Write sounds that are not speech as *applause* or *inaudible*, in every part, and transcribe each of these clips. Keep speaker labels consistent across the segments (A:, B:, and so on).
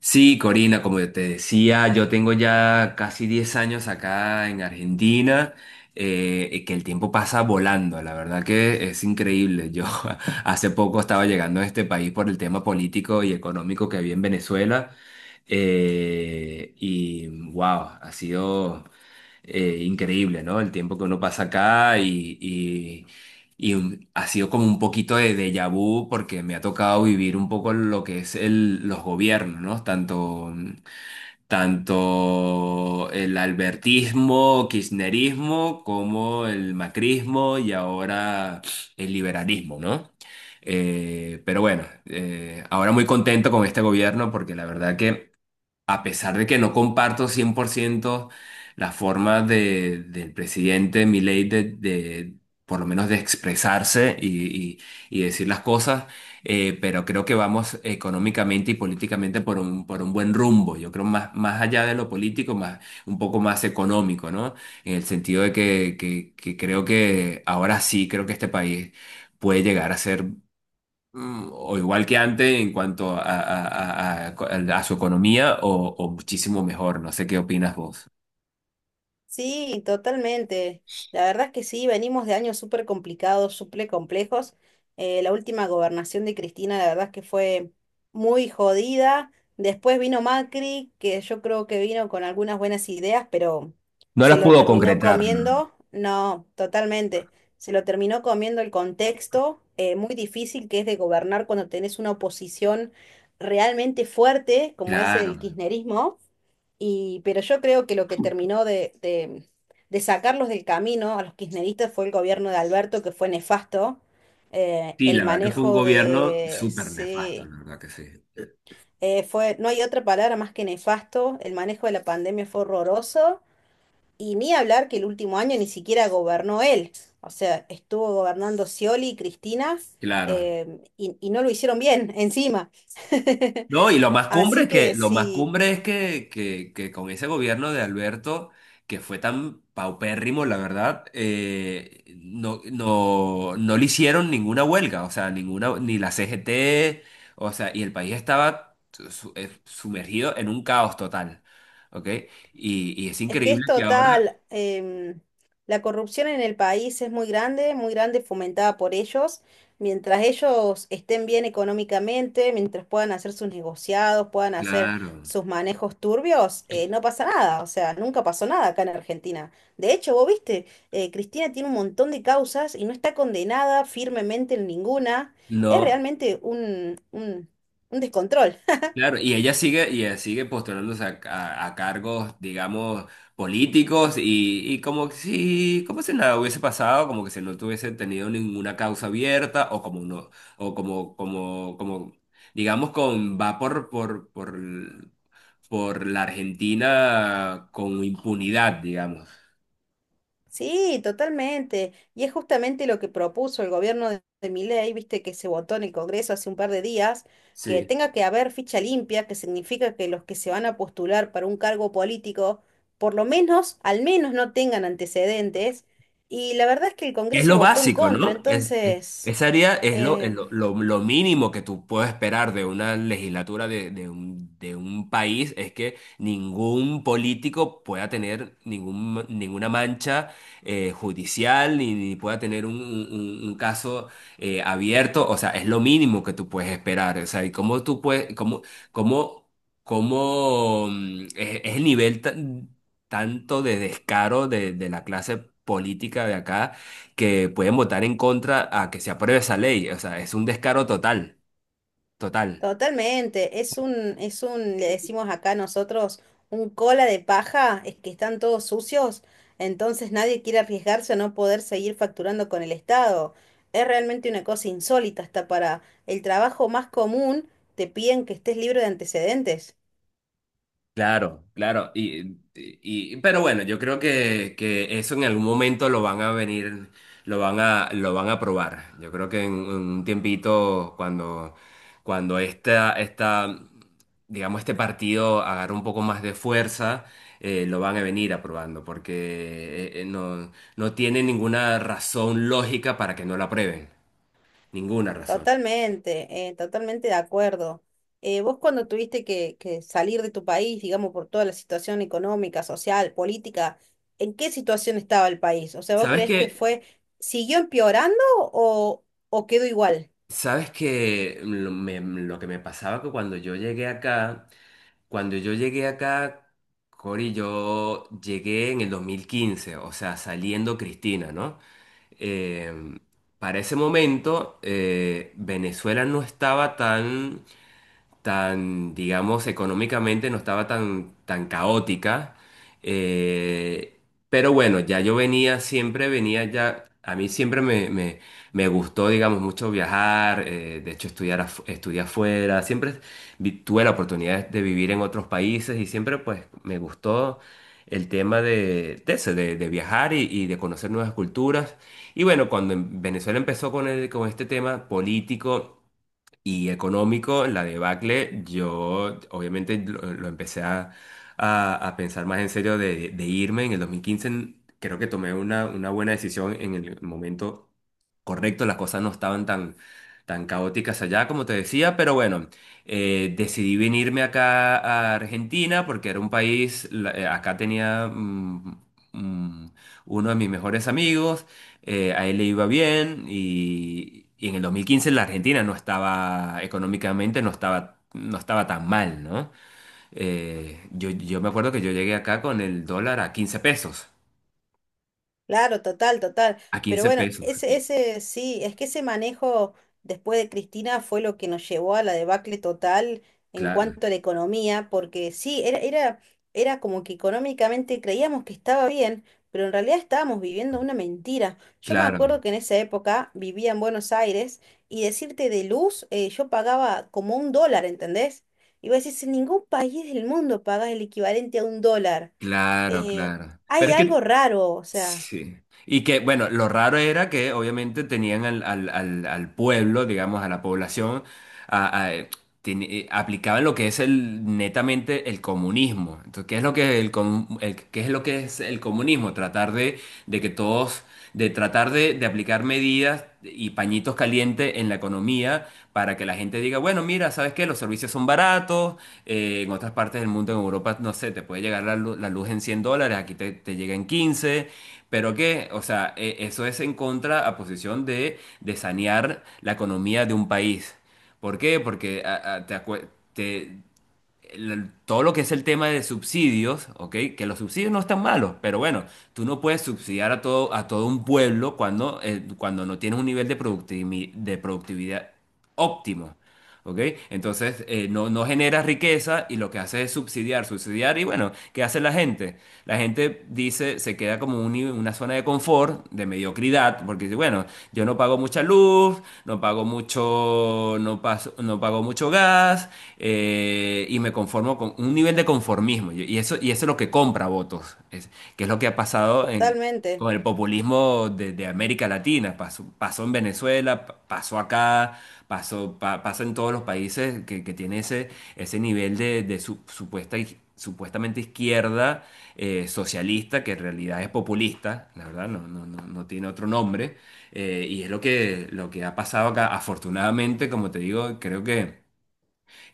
A: Sí, Corina, como te decía, yo tengo ya casi 10 años acá en Argentina, y que el tiempo pasa volando, la verdad que es increíble. Yo *laughs* hace poco estaba llegando a este país por el tema político y económico que había en Venezuela, y wow, ha sido increíble, ¿no? El tiempo que uno pasa acá ha sido como un poquito de déjà vu porque me ha tocado vivir un poco lo que es los gobiernos, ¿no? Tanto el albertismo, kirchnerismo, como el macrismo y ahora el liberalismo, ¿no? Pero bueno, ahora muy contento con este gobierno porque la verdad que a pesar de que no comparto 100% la forma del presidente Milei por lo menos de expresarse y- y decir las cosas. Pero creo que vamos económicamente y políticamente por por un buen rumbo. Yo creo más allá de lo político, más, un poco más económico, ¿no? En el sentido de que creo que ahora sí, creo que este país puede llegar a ser o igual que antes en cuanto a su economía o muchísimo mejor. No sé qué opinas vos.
B: Sí, totalmente. La verdad es que sí, venimos de años súper complicados, súper complejos. La última gobernación de Cristina, la verdad es que fue muy jodida. Después vino Macri, que yo creo que vino con algunas buenas ideas, pero
A: No
B: se
A: las
B: lo
A: pudo
B: terminó
A: concretar, ¿no?
B: comiendo. No, totalmente. Se lo terminó comiendo el contexto, muy difícil que es de gobernar cuando tenés una oposición realmente fuerte, como es
A: Claro.
B: el kirchnerismo. Y pero yo creo que lo que terminó de sacarlos del camino a los kirchneristas fue el gobierno de Alberto, que fue nefasto.
A: Sí,
B: El
A: la verdad que fue un
B: manejo
A: gobierno
B: de...
A: súper nefasto,
B: Sí,
A: la verdad que sí.
B: fue, No hay otra palabra más que nefasto. El manejo de la pandemia fue horroroso. Y ni hablar que el último año ni siquiera gobernó él. O sea, estuvo gobernando Scioli y Cristina,
A: Claro.
B: y no lo hicieron bien *laughs* encima. *laughs*
A: No, y lo más cumbre
B: Así
A: es que,
B: que
A: lo más
B: sí.
A: cumbre es que con ese gobierno de Alberto, que fue tan paupérrimo, la verdad, no, no, no le hicieron ninguna huelga, o sea, ninguna, ni la CGT, o sea, y el país estaba sumergido en un caos total, ¿ok? Y es
B: Es que
A: increíble
B: es
A: que ahora,
B: total, la corrupción en el país es muy grande, fomentada por ellos. Mientras ellos estén bien económicamente, mientras puedan hacer sus negociados, puedan hacer
A: claro,
B: sus manejos turbios, no pasa nada. O sea, nunca pasó nada acá en Argentina. De hecho, vos viste, Cristina tiene un montón de causas y no está condenada firmemente en ninguna. Es
A: no.
B: realmente un descontrol.
A: Claro, y ella sigue postulándose a cargos, digamos, políticos, y como que si, como si nada hubiese pasado, como que si no tuviese tenido ninguna causa abierta, o como no, o como, digamos, con va por la Argentina con impunidad, digamos.
B: Sí, totalmente. Y es justamente lo que propuso el gobierno de Milei, viste que se votó en el Congreso hace un par de días, que
A: Sí.
B: tenga que haber ficha limpia, que significa que los que se van a postular para un cargo político, por lo menos, al menos no tengan antecedentes. Y la verdad es que el
A: Es
B: Congreso
A: lo
B: votó en
A: básico,
B: contra,
A: ¿no? Esa área es
B: eh,
A: lo mínimo que tú puedes esperar de una legislatura de un país. Es que ningún político pueda tener ninguna mancha judicial ni, ni pueda tener un caso abierto. O sea, es lo mínimo que tú puedes esperar. O sea, ¿y cómo tú puedes, cómo, cómo, es el nivel tanto de descaro de la clase política de acá, que pueden votar en contra a que se apruebe esa ley? O sea, es un descaro total, total.
B: totalmente. Le decimos acá nosotros un cola de paja, es que están todos sucios, entonces nadie quiere arriesgarse a no poder seguir facturando con el Estado. Es realmente una cosa insólita, hasta para el trabajo más común te piden que estés libre de antecedentes.
A: Claro, claro. Pero bueno, yo creo que eso en algún momento lo van a venir, lo van lo van a probar. Yo creo que en un tiempito, cuando, cuando esta, esta, digamos, este partido agarre un poco más de fuerza, lo van a venir aprobando, porque no, no tiene ninguna razón lógica para que no lo aprueben. Ninguna razón.
B: Totalmente, totalmente de acuerdo. Vos cuando tuviste que salir de tu país, digamos, por toda la situación económica, social, política, ¿en qué situación estaba el país? O sea, ¿vos
A: ¿Sabes
B: crees que
A: qué?
B: fue, siguió empeorando o quedó igual?
A: ¿Sabes qué? Lo que me pasaba que cuando yo llegué acá, Cori, yo llegué en el 2015, o sea, saliendo Cristina, ¿no? Eh, para ese momento, Venezuela no estaba tan... tan, digamos, económicamente no estaba tan caótica. eh, pero bueno, ya yo venía, siempre venía ya, a mí me gustó, digamos, mucho viajar. De hecho estudiar, estudié afuera, siempre tuve la oportunidad de vivir en otros países y siempre pues me gustó el tema eso, de viajar y de conocer nuevas culturas. Y bueno, cuando en Venezuela empezó con este tema político y económico, la debacle, yo obviamente lo empecé a pensar más en serio de irme. En el 2015 creo que tomé una buena decisión en el momento correcto. Las cosas no estaban tan caóticas allá como te decía, pero bueno, decidí venirme acá a Argentina porque era un país, acá tenía... mm, uno de mis mejores amigos, a él le iba bien y en el 2015 la Argentina no estaba, económicamente no estaba, no estaba tan mal, ¿no? Yo me acuerdo que yo llegué acá con el dólar a 15 pesos,
B: Claro, total, total.
A: a
B: Pero
A: 15
B: bueno,
A: pesos,
B: ese,
A: y
B: ese, sí, es que ese manejo después de Cristina fue lo que nos llevó a la debacle total en
A: claro,
B: cuanto a la economía, porque sí, era como que económicamente creíamos que estaba bien, pero en realidad estábamos viviendo una mentira. Yo me
A: claro,
B: acuerdo que en esa época vivía en Buenos Aires y decirte de luz, yo pagaba como un dólar, ¿entendés? Y vos decís, en ningún país del mundo pagas el equivalente a un dólar.
A: claro,
B: Eh,
A: claro. Pero
B: Hay
A: es que,
B: algo raro, o sea.
A: sí. Y que, bueno, lo raro era que obviamente tenían al pueblo, digamos, a la población a- a- aplicaban lo que es el netamente el comunismo. Entonces, ¿qué es lo que qué es lo que es el comunismo? Tratar de que todos, de tratar de aplicar medidas y pañitos calientes en la economía para que la gente diga, bueno, mira, ¿sabes qué? Los servicios son baratos. En otras partes del mundo, en Europa, no sé, te puede llegar la luz en $100, aquí te llega en 15. Pero que, o sea, eso es en contra a posición de sanear la economía de un país. ¿Por qué? Porque a- te acue- te- el- todo lo que es el tema de subsidios, ¿ok? Que los subsidios no están malos, pero bueno, tú no puedes subsidiar a todo un pueblo cuando, cuando no tienes un nivel de de productividad óptimo. ¿Ok? Entonces, no, no genera riqueza y lo que hace es subsidiar, subsidiar. Y bueno, ¿qué hace la gente? La gente dice, se queda como una zona de confort, de mediocridad, porque dice, bueno, yo no pago mucha luz, no pago mucho, no pago mucho gas. Y me conformo con un nivel de conformismo. Y y y eso es lo que compra votos, que es lo que ha pasado en
B: Totalmente,
A: con el populismo de América Latina. Pasó, pasó en Venezuela, pasó acá, pasó, pasa en todos los países que tiene ese, ese nivel de supuesta, supuestamente izquierda socialista, que en realidad es populista, la verdad, no, no, no, no tiene otro nombre. Y es lo que ha pasado acá. Afortunadamente, como te digo,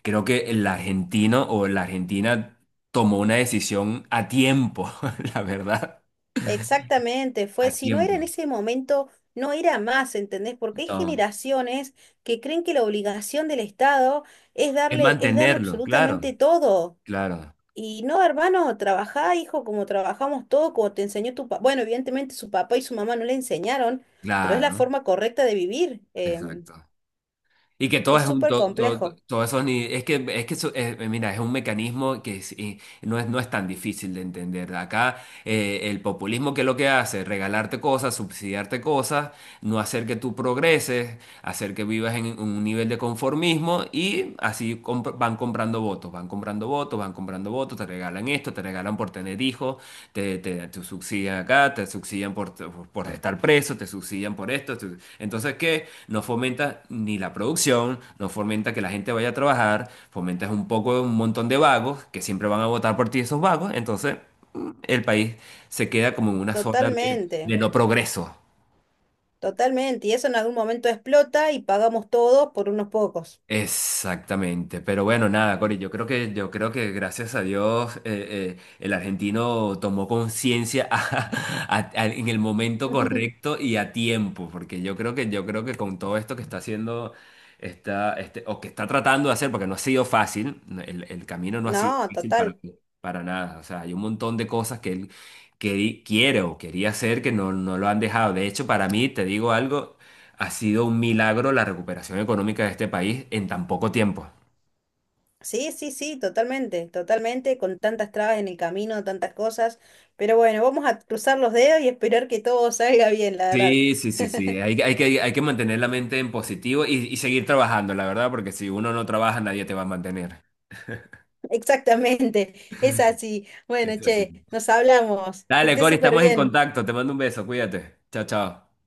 A: creo que el argentino o la argentina tomó una decisión a tiempo, *laughs* la verdad,
B: exactamente, fue,
A: a
B: si no era en
A: tiempo.
B: ese momento, no era más, ¿entendés? Porque hay
A: No.
B: generaciones que creen que la obligación del Estado
A: Es
B: es darle
A: mantenerlo, claro,
B: absolutamente todo.
A: claro,
B: Y no, hermano, trabajá, hijo, como trabajamos todos, como te enseñó tu papá. Bueno, evidentemente su papá y su mamá no le enseñaron, pero es la
A: claro,
B: forma correcta de vivir.
A: exacto. Y que todo
B: Es
A: es un,
B: súper complejo,
A: todo eso ni, es que eso, mira, es un mecanismo y no es, no es tan difícil de entender. Acá el populismo que lo que hace, es regalarte cosas, subsidiarte cosas, no hacer que tú progreses, hacer que vivas en un nivel de conformismo, y así van comprando votos, van comprando votos, van comprando votos, te regalan esto, te regalan por tener hijos, te subsidian acá, te subsidian por estar preso, te subsidian por esto. Entonces, ¿qué? No fomenta ni la producción, no fomenta que la gente vaya a trabajar, fomentas un poco un montón de vagos que siempre van a votar por ti esos vagos. Entonces, el país se queda como en una zona de
B: totalmente,
A: no progreso.
B: totalmente. Y eso en algún momento explota y pagamos todos por unos pocos.
A: Exactamente, pero bueno, nada, Cori, yo creo que gracias a Dios, el argentino tomó conciencia *laughs* en el momento
B: *laughs*
A: correcto y a tiempo, porque yo creo que con todo esto que está haciendo, o que está tratando de hacer, porque no ha sido fácil. No, el camino no ha sido
B: No,
A: fácil
B: total.
A: para nada. O sea, hay un montón de cosas que él quiere o quería hacer que no, no lo han dejado. De hecho, para mí, te digo algo. Ha sido un milagro la recuperación económica de este país en tan poco tiempo.
B: Sí, sí, sí, totalmente, totalmente, con tantas trabas en el camino, tantas cosas, pero bueno, vamos a cruzar los dedos y esperar que todo salga bien, la verdad.
A: Sí, sí, sí, sí. Hay, hay que mantener la mente en positivo y seguir trabajando, la verdad, porque si uno no trabaja, nadie te va a mantener.
B: *laughs* Exactamente, es así. Bueno,
A: Es así.
B: che, nos hablamos, que
A: Dale,
B: esté
A: Cori,
B: súper
A: estamos en
B: bien.
A: contacto. Te mando un beso, cuídate. Chao, chao.